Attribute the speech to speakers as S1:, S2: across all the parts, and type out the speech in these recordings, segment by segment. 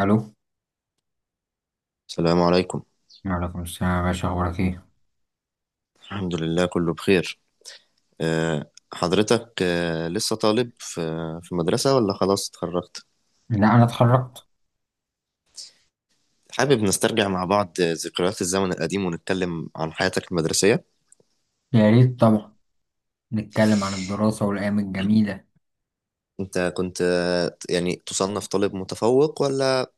S1: الو.
S2: السلام عليكم.
S1: وعليكم السلام يا باشا، اخبارك ايه؟
S2: الحمد لله كله بخير. حضرتك لسه طالب في مدرسة ولا خلاص اتخرجت؟
S1: لا انا اتخرجت.
S2: حابب نسترجع مع بعض ذكريات الزمن القديم ونتكلم عن حياتك المدرسية.
S1: يا ريت طبعا، نتكلم عن الدراسه والايام الجميله.
S2: انت كنت يعني تصنف طالب متفوق ولا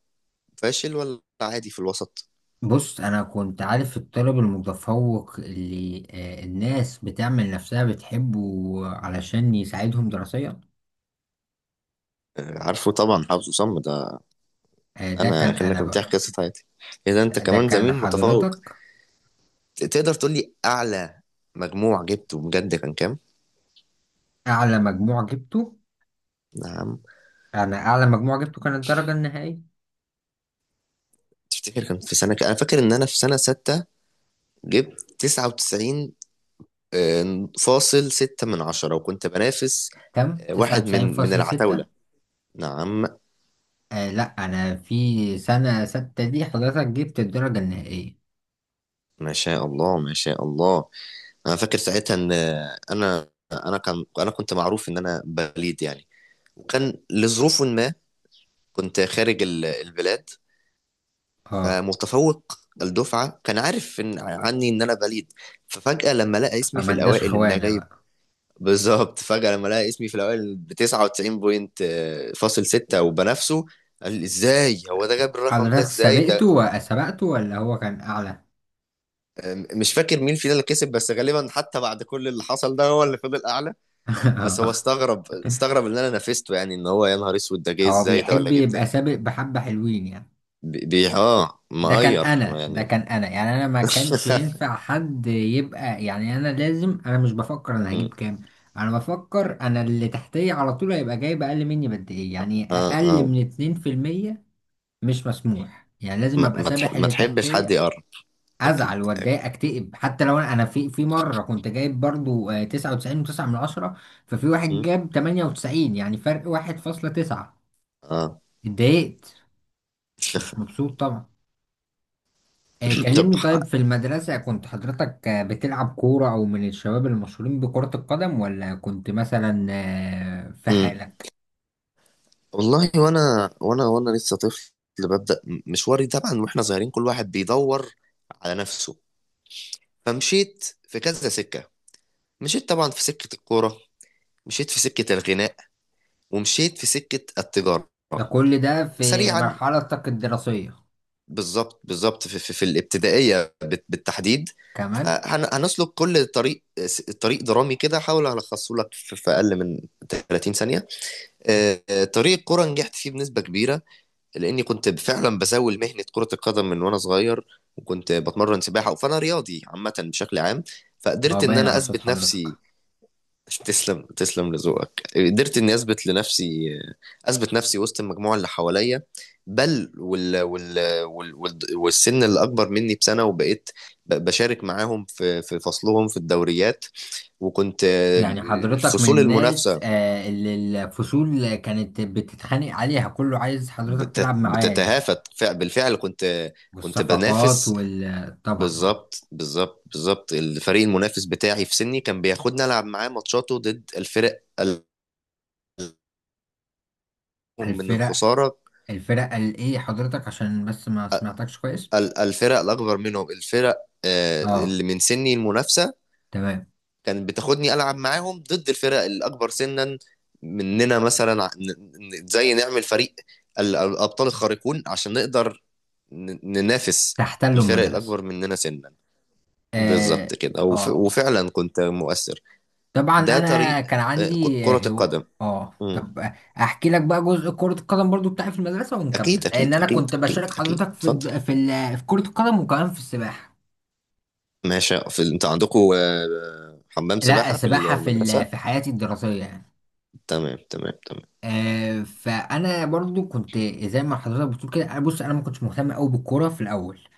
S2: فاشل ولا عادي في الوسط؟
S1: بص، انا كنت عارف الطالب المتفوق اللي الناس بتعمل نفسها بتحبه علشان يساعدهم دراسيا.
S2: عارفه طبعا، حافظه صم ده.
S1: ده كان
S2: انا
S1: انا
S2: كأنك بتحكي
S1: بقى،
S2: قصة حياتي، اذا انت
S1: ده
S2: كمان
S1: كان
S2: زميل متفوق.
S1: حضرتك.
S2: تقدر تقول لي اعلى مجموع جبته بجد كان كام؟
S1: اعلى مجموع جبته؟
S2: نعم.
S1: انا اعلى مجموع جبته كانت الدرجه النهائيه.
S2: تفتكر كان في سنة انا فاكر ان انا في سنة ستة جبت 99 فاصل ستة من عشرة، وكنت بنافس
S1: كام
S2: واحد من العتاولة.
S1: 99.6؟
S2: نعم.
S1: آه لا، انا في سنه ستة دي حضرتك جبت الدرجه النهائيه.
S2: ما شاء الله، ما شاء الله. أنا فاكر ساعتها إن أنا كنت معروف إن أنا بليد يعني، وكان لظروف ما كنت خارج البلاد،
S1: اه،
S2: فمتفوق الدفعة كان عارف إن عني إن أنا بليد. ففجأة لما لقى اسمي
S1: فما
S2: في
S1: اداش
S2: الأوائل إن أنا
S1: خوانة
S2: جاي،
S1: بقى.
S2: بالظبط، فجأة لما لقى اسمي في الأوائل ب 99 بوينت فاصل ستة وبنافسه، قال لي ازاي هو ده جاب الرقم ده،
S1: حضرتك
S2: ازاي ده.
S1: سبقته سبقته ولا هو كان أعلى؟
S2: مش فاكر مين فينا اللي كسب، بس غالبا حتى بعد كل اللي حصل ده، هو اللي فضل أعلى. بس هو استغرب، استغرب إن أنا نافسته، يعني إن هو يا نهار أسود، ده جه
S1: هو
S2: ازاي، ده
S1: بيحب
S2: ولا جه منين.
S1: يبقى سابق بحبة حلوين يعني. ده كان
S2: مقير
S1: أنا، ده
S2: يعني.
S1: كان أنا، يعني أنا ما كانش ينفع حد يبقى، يعني أنا لازم، أنا مش بفكر أنا
S2: م،
S1: هجيب كام، أنا بفكر أنا اللي تحتية على طول هيبقى جايب أقل مني بقد إيه، يعني
S2: اه،
S1: أقل
S2: اه.
S1: من 2%. مش مسموح، يعني لازم أبقى سابح
S2: ما
S1: اللي
S2: تحبش حد
S1: تحتية.
S2: يقرب. أكيد.
S1: ازعل واتضايق اكتئب حتى لو انا أنا في في مره كنت جايب برضو 99 و9 من عشرة، ففي واحد
S2: م،
S1: جاب 98، يعني فرق 1.9.
S2: اه.
S1: اتضايقت. كنتش مبسوط طبعا.
S2: طب.
S1: كلمني، طيب في المدرسه كنت حضرتك بتلعب كوره او من الشباب المشهورين بكره القدم، ولا كنت مثلا في
S2: م.
S1: حالك؟
S2: والله، وانا لسه طفل، ببدأ مشواري. طبعا واحنا صغيرين، كل واحد بيدور على نفسه، فمشيت في كذا سكة. مشيت طبعا في سكة الكورة، مشيت في سكة الغناء، ومشيت في سكة التجارة.
S1: ده كل ده في
S2: سريعا،
S1: مرحلتك الدراسيه
S2: بالظبط. بالظبط في الابتدائية بالتحديد.
S1: كمان؟
S2: فهنسلك كل طريق، طريق درامي كده، هحاول الخصه لك في اقل من 30 ثانية. طريق الكورة نجحت فيه بنسبة كبيرة، لاني كنت فعلا بزاول مهنه كره القدم من وانا صغير، وكنت بتمرن سباحه، فانا رياضي عامه بشكل عام،
S1: هو
S2: فقدرت ان
S1: باين
S2: انا
S1: على صوت
S2: اثبت
S1: حضرتك.
S2: نفسي. تسلم، تسلم لذوقك. قدرت اني اثبت لنفسي، اثبت نفسي وسط المجموعه اللي حواليا، بل والسن اللي اكبر مني بسنه، وبقيت بشارك معاهم في فصلهم في الدوريات. وكنت
S1: يعني حضرتك من
S2: الفصول
S1: الناس
S2: المنافسه
S1: اللي الفصول كانت بتتخانق عليها، كله عايز حضرتك تلعب معاه يعني؟
S2: بتتهافت، بالفعل كنت، كنت
S1: والصفقات
S2: بنافس.
S1: وال، طبعا اه.
S2: بالظبط الفريق المنافس بتاعي في سني، كان بياخدنا العب معاه ماتشاته ضد الفرق الأقوم، من
S1: الفرق،
S2: الخساره.
S1: الفرق قال ايه حضرتك؟ عشان بس ما سمعتكش كويس.
S2: الفرق الاكبر منهم، الفرق
S1: اه
S2: اللي من سني المنافسه
S1: تمام.
S2: كانت بتاخدني العب معاهم ضد الفرق الاكبر سنا مننا، مثلا زي نعمل فريق الابطال الخارقون عشان نقدر ننافس
S1: تحتلوا
S2: الفرق
S1: المدرسة.
S2: الاكبر مننا سنا. بالظبط
S1: اه
S2: كده،
S1: اه
S2: وفعلا كنت مؤثر.
S1: طبعا.
S2: ده
S1: انا
S2: طريق
S1: كان عندي
S2: كرة
S1: هو
S2: القدم.
S1: اه، طب احكي لك بقى جزء كرة القدم برضو بتاعي في المدرسة ونكمل،
S2: اكيد،
S1: لان
S2: اكيد،
S1: انا
S2: اكيد،
S1: كنت
S2: اكيد،
S1: بشارك
S2: اكيد،
S1: حضرتك
S2: اتفضل.
S1: في كرة القدم وكمان في السباحة.
S2: ماشي، انت عندكم حمام
S1: لا،
S2: سباحة في
S1: سباحة في
S2: المدرسة؟
S1: حياتي الدراسية يعني.
S2: تمام، تمام، تمام.
S1: فأنا برضو كنت زي ما حضرتك بتقول كده، أنا، بص، أنا ما كنتش مهتم أوي بالكورة في الأول.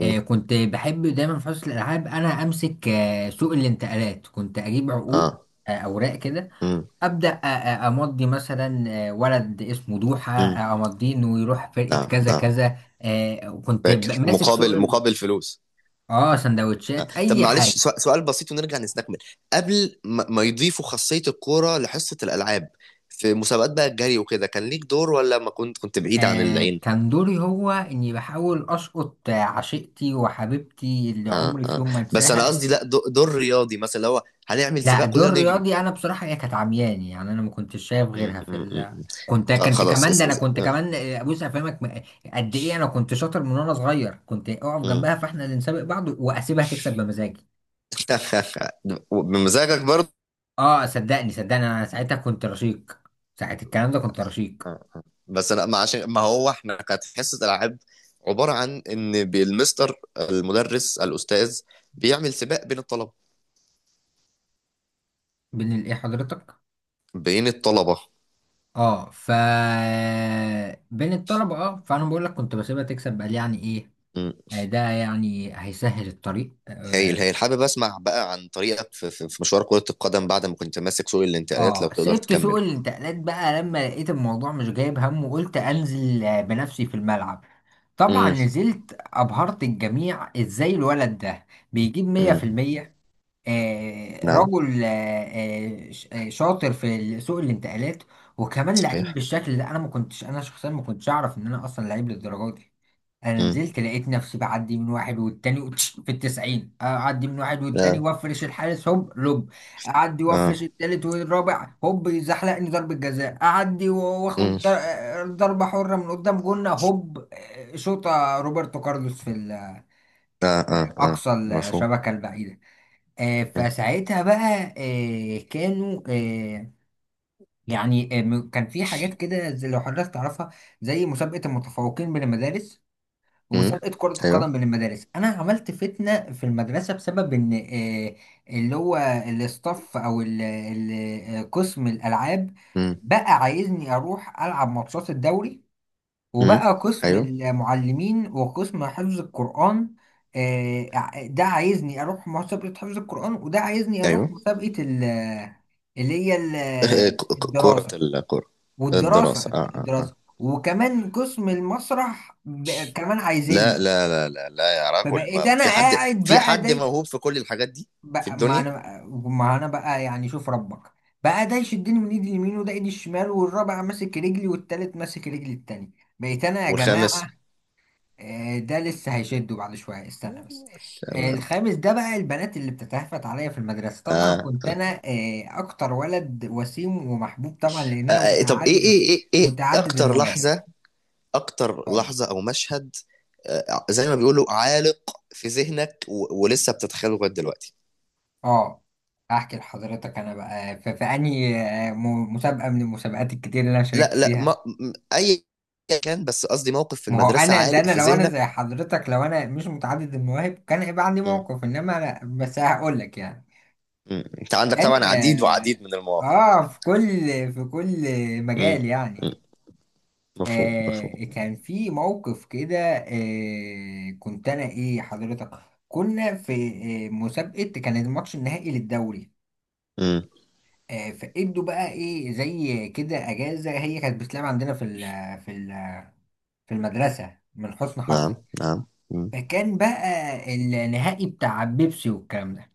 S1: كنت بحب دايما في حصة الألعاب أنا أمسك سوق الانتقالات، كنت أجيب عقود،
S2: اه.
S1: أوراق كده.
S2: مم.
S1: أبدأ أمضي مثلا ولد اسمه دوحة،
S2: مم.
S1: أمضيه إنه يروح فرقة
S2: نعم،
S1: كذا
S2: نعم.
S1: كذا. وكنت
S2: فاكر
S1: ماسك سوق
S2: مقابل مقابل فلوس؟
S1: اه، سندوتشات
S2: طب
S1: أي حاجة.
S2: معلش، سؤال بسيط ونرجع نستكمل، قبل ما يضيفوا خاصية الكورة لحصة الألعاب، في مسابقات بقى الجري وكده، كان ليك دور ولا ما كنت، بعيد عن
S1: آه،
S2: العين؟
S1: كان دوري هو إني بحاول أسقط عشيقتي وحبيبتي اللي
S2: اه،
S1: عمري في
S2: اه.
S1: يوم ما
S2: بس انا
S1: أنساها.
S2: قصدي، لا، دور رياضي مثلا، اللي هو هنعمل
S1: لا،
S2: سباق كلنا
S1: دور
S2: نجري.
S1: رياضي، أنا بصراحة هي كانت عمياني، يعني أنا ما كنتش شايف
S2: مم.
S1: غيرها في
S2: مم. مم.
S1: ال. كنت كنت
S2: خلاص.
S1: كمان، ده
S2: اس
S1: أنا
S2: اس
S1: كنت
S2: آه.
S1: كمان بص، أفهمك قد إيه أنا كنت شاطر من وأنا صغير، كنت أقف
S2: مم.
S1: جنبها فإحنا اللي نسابق بعض، وأسيبها تكسب بمزاجي.
S2: بمزاجك برضه.
S1: أه، صدقني، صدقني أنا ساعتها كنت رشيق، ساعة الكلام ده كنت رشيق.
S2: بس لا، ما عشان ما هو احنا كانت حصه العاب، عباره عن ان بالمستر المدرس الاستاذ بيعمل سباق بين الطلبه.
S1: بين الإيه حضرتك؟
S2: بين الطلبه.
S1: اه، ف، بين الطلبة، اه، فانا بقول لك كنت بسيبها تكسب، قال يعني ايه.
S2: مم.
S1: ده يعني هيسهل الطريق،
S2: هايل، هايل. حابب اسمع بقى عن طريقك في مشوار كره القدم بعد ما كنت ماسك سوق الانتقالات، لو
S1: اه.
S2: تقدر
S1: سبت سوق
S2: تكمله.
S1: الانتقالات بقى لما لقيت الموضوع مش جايب هم، وقلت انزل بنفسي في الملعب. طبعا
S2: مم.
S1: نزلت، ابهرت الجميع، ازاي الولد ده بيجيب
S2: مم.
S1: 100%. آه،
S2: نعم.
S1: رجل، آه، شاطر سوق الانتقالات، وكمان لعيب
S2: صحيح.
S1: بالشكل ده. انا شخصيا ما كنتش اعرف ان انا اصلا لعيب للدرجه دي. انا
S2: مم.
S1: نزلت لقيت نفسي بعدي من واحد والتاني في التسعين، اعدي من واحد والتاني
S2: لا.
S1: وافرش الحارس هوب، لوب. اعدي
S2: اه.
S1: وافرش التالت والرابع هوب، يزحلقني ضربة جزاء، اعدي
S2: مم.
S1: واخد ضربة حرة من قدام جنة هوب، شوطة روبرتو كارلوس في ال،
S2: اه، اه، اه.
S1: اقصى
S2: مفهوم.
S1: الشبكة البعيدة. فساعتها بقى، كانوا، يعني كان في حاجات كده، زي لو حضرتك تعرفها، زي مسابقة المتفوقين بين المدارس،
S2: مم.
S1: ومسابقة كرة
S2: ايوه.
S1: القدم بين المدارس. أنا عملت فتنة في المدرسة بسبب إن اللي هو الاستاف أو قسم الألعاب
S2: مم.
S1: بقى عايزني أروح ألعب ماتشات الدوري،
S2: مم.
S1: وبقى قسم
S2: ايوه،
S1: المعلمين وقسم حفظ القرآن ده عايزني أروح مسابقة حفظ القرآن، وده عايزني أروح
S2: ايوه.
S1: مسابقة اللي هي
S2: ك- ك- كرة
S1: الدراسة.
S2: الكرة. الدراسة.
S1: والدراسة، الدراسة، وكمان قسم المسرح كمان
S2: لا،
S1: عايزني.
S2: لا، لا، لا، لا، يا رجل،
S1: فبقيت
S2: ما
S1: انا
S2: في حد،
S1: قاعد بقى داي
S2: موهوب في كل الحاجات دي، في
S1: بقى، ما
S2: الدنيا.
S1: انا ما انا بقى يعني شوف ربك بقى، ده يشدني من ايدي اليمين، وده ايدي الشمال، والرابع ماسك رجلي، والتالت ماسك رجلي التاني. بقيت انا يا جماعة،
S2: والخامس.
S1: ده لسه هيشده بعد شوية استنى بس.
S2: تمام.
S1: الخامس ده بقى البنات اللي بتتهفت عليا في المدرسة، طبعا
S2: آه.
S1: كنت انا اكتر ولد وسيم ومحبوب، طبعا لان انا
S2: طب ايه
S1: متعدد،
S2: ايه ايه ايه
S1: متعدد
S2: اكتر
S1: المواهب.
S2: لحظة، اكتر
S1: اتفضل.
S2: لحظة او مشهد، زي ما بيقولوا، عالق في ذهنك ولسه بتتخيله لغاية دلوقتي؟
S1: اه، احكي لحضرتك انا بقى في انهي مسابقه من المسابقات الكتير اللي انا شاركت
S2: لا، لا، ما
S1: فيها.
S2: م- اي كان، بس قصدي موقف في
S1: ما هو
S2: المدرسة
S1: انا، ده
S2: عالق
S1: انا
S2: في
S1: لو انا زي
S2: ذهنك.
S1: حضرتك، لو انا مش متعدد المواهب كان هيبقى عندي
S2: م.
S1: موقف، انما انا بس هقول لك يعني
S2: م. انت عندك
S1: كان
S2: طبعا عديد
S1: اه
S2: وعديد من المواقف.
S1: آه، في كل في كل
S2: م.
S1: مجال يعني.
S2: مفهوم، مفهوم.
S1: آه، كان في موقف كده، آه كنت انا ايه حضرتك، كنا في مسابقه، كان الماتش النهائي للدوري.
S2: مم.
S1: فادوا بقى ايه زي كده اجازه، هي كانت بتلعب عندنا في ال في المدرسه من حسن
S2: نعم،
S1: حظي.
S2: نعم. مم.
S1: فكان بقى النهائي بتاع بيبسي والكلام ده.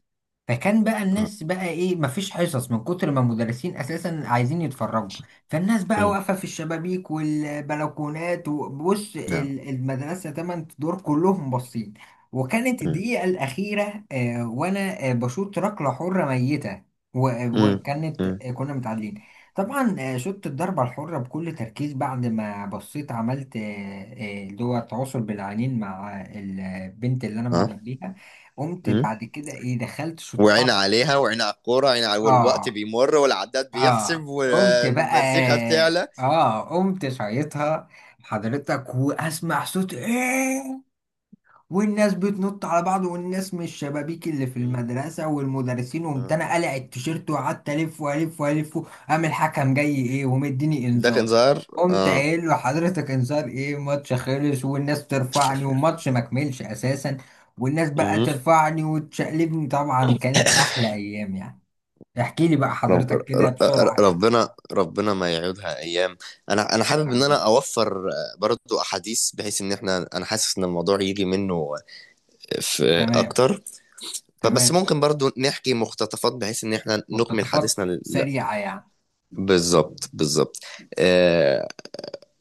S1: فكان بقى
S2: آه.
S1: الناس بقى ايه، مفيش حصص من كتر ما المدرسين اساسا عايزين يتفرجوا. فالناس بقى
S2: مم.
S1: واقفه في الشبابيك والبلكونات، وبص
S2: نعم.
S1: المدرسه تمن دور كلهم باصين. وكانت
S2: مم.
S1: الدقيقه الاخيره، آه وانا آه بشوط ركله حره ميته.
S2: مم.
S1: وكانت
S2: مم.
S1: آه كنا متعادلين. طبعا، آه، شوت الضربه الحره بكل تركيز بعد ما بصيت، عملت اللي هو التواصل بالعينين مع البنت اللي انا
S2: آه.
S1: معجب بيها. قمت
S2: مم.
S1: بعد كده ايه، دخلت
S2: وعين
S1: شطها.
S2: عليها، وعين على الكورة، وعين على والوقت
S1: اه
S2: بيمر، والعداد بيحسب،
S1: اه، قمت بقى
S2: والمزيكا بتعلى.
S1: اه قمت شايطها حضرتك، واسمع صوت ايه، والناس بتنط على بعض، والناس من الشبابيك اللي في
S2: مم.
S1: المدرسة والمدرسين. قمت
S2: آه.
S1: انا قلع التيشيرت وقعدت الف والف والف. قام الحكم جاي ايه ومديني
S2: الدخن
S1: انذار.
S2: ظهر،
S1: قمت
S2: اه.
S1: قايل له حضرتك انذار ايه، ماتش خلص والناس ترفعني والماتش ما كملش اساسا. والناس بقى
S2: مم.
S1: ترفعني وتشقلبني. طبعا كانت احلى ايام يعني. احكي لي بقى
S2: رب...
S1: حضرتك كده
S2: ر- ر-
S1: بسرعة يعني.
S2: ربنا ربنا ما يعودها ايام. انا حابب ان انا
S1: حبيبي.
S2: اوفر برضو احاديث، بحيث ان انا حاسس ان الموضوع يجي منه في
S1: تمام.
S2: اكتر، فبس
S1: تمام.
S2: ممكن برضو نحكي مقتطفات بحيث ان احنا نكمل
S1: مقتطفات
S2: حديثنا لا،
S1: سريعة يعني.
S2: بالظبط. آه،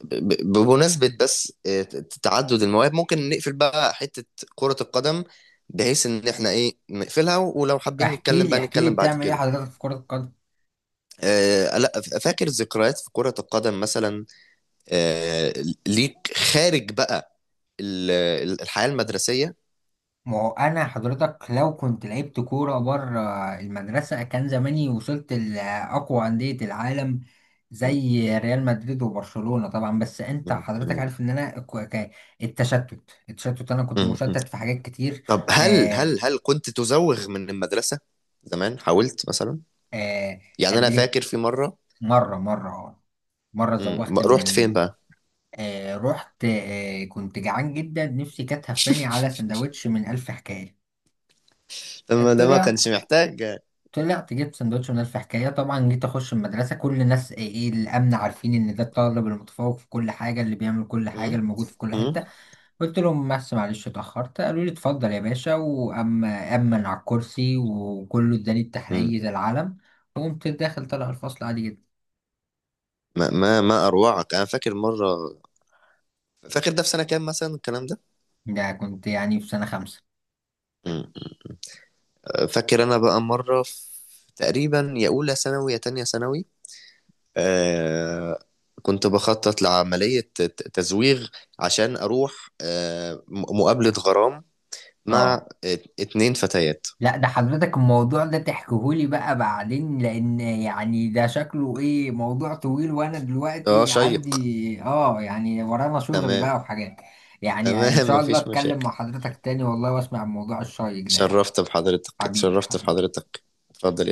S2: بمناسبة، بس تعدد المواهب، ممكن نقفل بقى حتة كرة القدم، بحيث ان احنا ايه نقفلها، ولو حابين
S1: احكي
S2: نتكلم
S1: لي،
S2: بقى
S1: احكي لي،
S2: نتكلم بعد
S1: بتعمل ايه
S2: كده.
S1: حضرتك في كرة القدم؟
S2: لا، فاكر ذكريات في كرة القدم مثلا، آه، ليك خارج بقى الحياة المدرسية.
S1: ما هو انا حضرتك لو كنت لعبت كوره بره المدرسه كان زماني وصلت لاقوى انديه العالم،
S2: م-
S1: زي ريال مدريد وبرشلونه، طبعا. بس انت حضرتك
S2: م-
S1: عارف ان انا التشتت. التشتت انا كنت
S2: م- م-
S1: مشتت في حاجات كتير.
S2: طب هل
S1: آه.
S2: هل هل كنت تزوغ من المدرسة زمان، حاولت مثلا؟
S1: آه،
S2: يعني
S1: قبل
S2: أنا
S1: إيه؟
S2: فاكر في مرة.
S1: مره اه، مرة
S2: مم.
S1: زوغت من
S2: رحت فين
S1: الم...
S2: بقى؟
S1: آه رحت، آه كنت جعان جدا، نفسي كانت هفاني على سندوتش من ألف حكاية.
S2: لما ده ما
S1: طلع،
S2: كانش محتاج.
S1: طلعت جبت سندوتش من ألف حكاية. طبعا جيت أخش المدرسة، كل الناس إيه إيه، الأمن عارفين إن ده الطالب المتفوق في كل حاجة اللي بيعمل كل حاجة،
S2: مم.
S1: الموجود في كل
S2: مم.
S1: حتة. قلت لهم بس معلش اتأخرت، قالوا لي اتفضل يا باشا، وأما أمن على الكرسي وكله، اداني
S2: مم.
S1: التحلية العلم. وقمت داخل طالع الفصل عادي جدا.
S2: ما أروعك! أنا فاكر مرة. فاكر ده في سنة كام مثلا الكلام ده؟
S1: ده كنت يعني في سنة خمسة.
S2: مم. فاكر أنا بقى مرة في، تقريبا يا أولى ثانوي يا تانية ثانوي. آه كنت بخطط لعملية تزويغ، عشان أروح مقابلة غرام مع
S1: اه
S2: 2 فتيات.
S1: لا، ده حضرتك الموضوع ده تحكيهولي بقى بعدين، لان يعني ده شكله ايه موضوع طويل، وانا
S2: اه،
S1: دلوقتي
S2: شيق.
S1: عندي اه يعني ورانا شغل
S2: تمام.
S1: بقى وحاجات. يعني ان
S2: تمام.
S1: شاء الله
S2: مفيش
S1: اتكلم
S2: مشاكل.
S1: مع حضرتك تاني والله، واسمع الموضوع الشيق ده يعني.
S2: اتشرفت بحضرتك،
S1: حبيبي
S2: اتشرفت
S1: حبيبي.
S2: بحضرتك. اتفضل.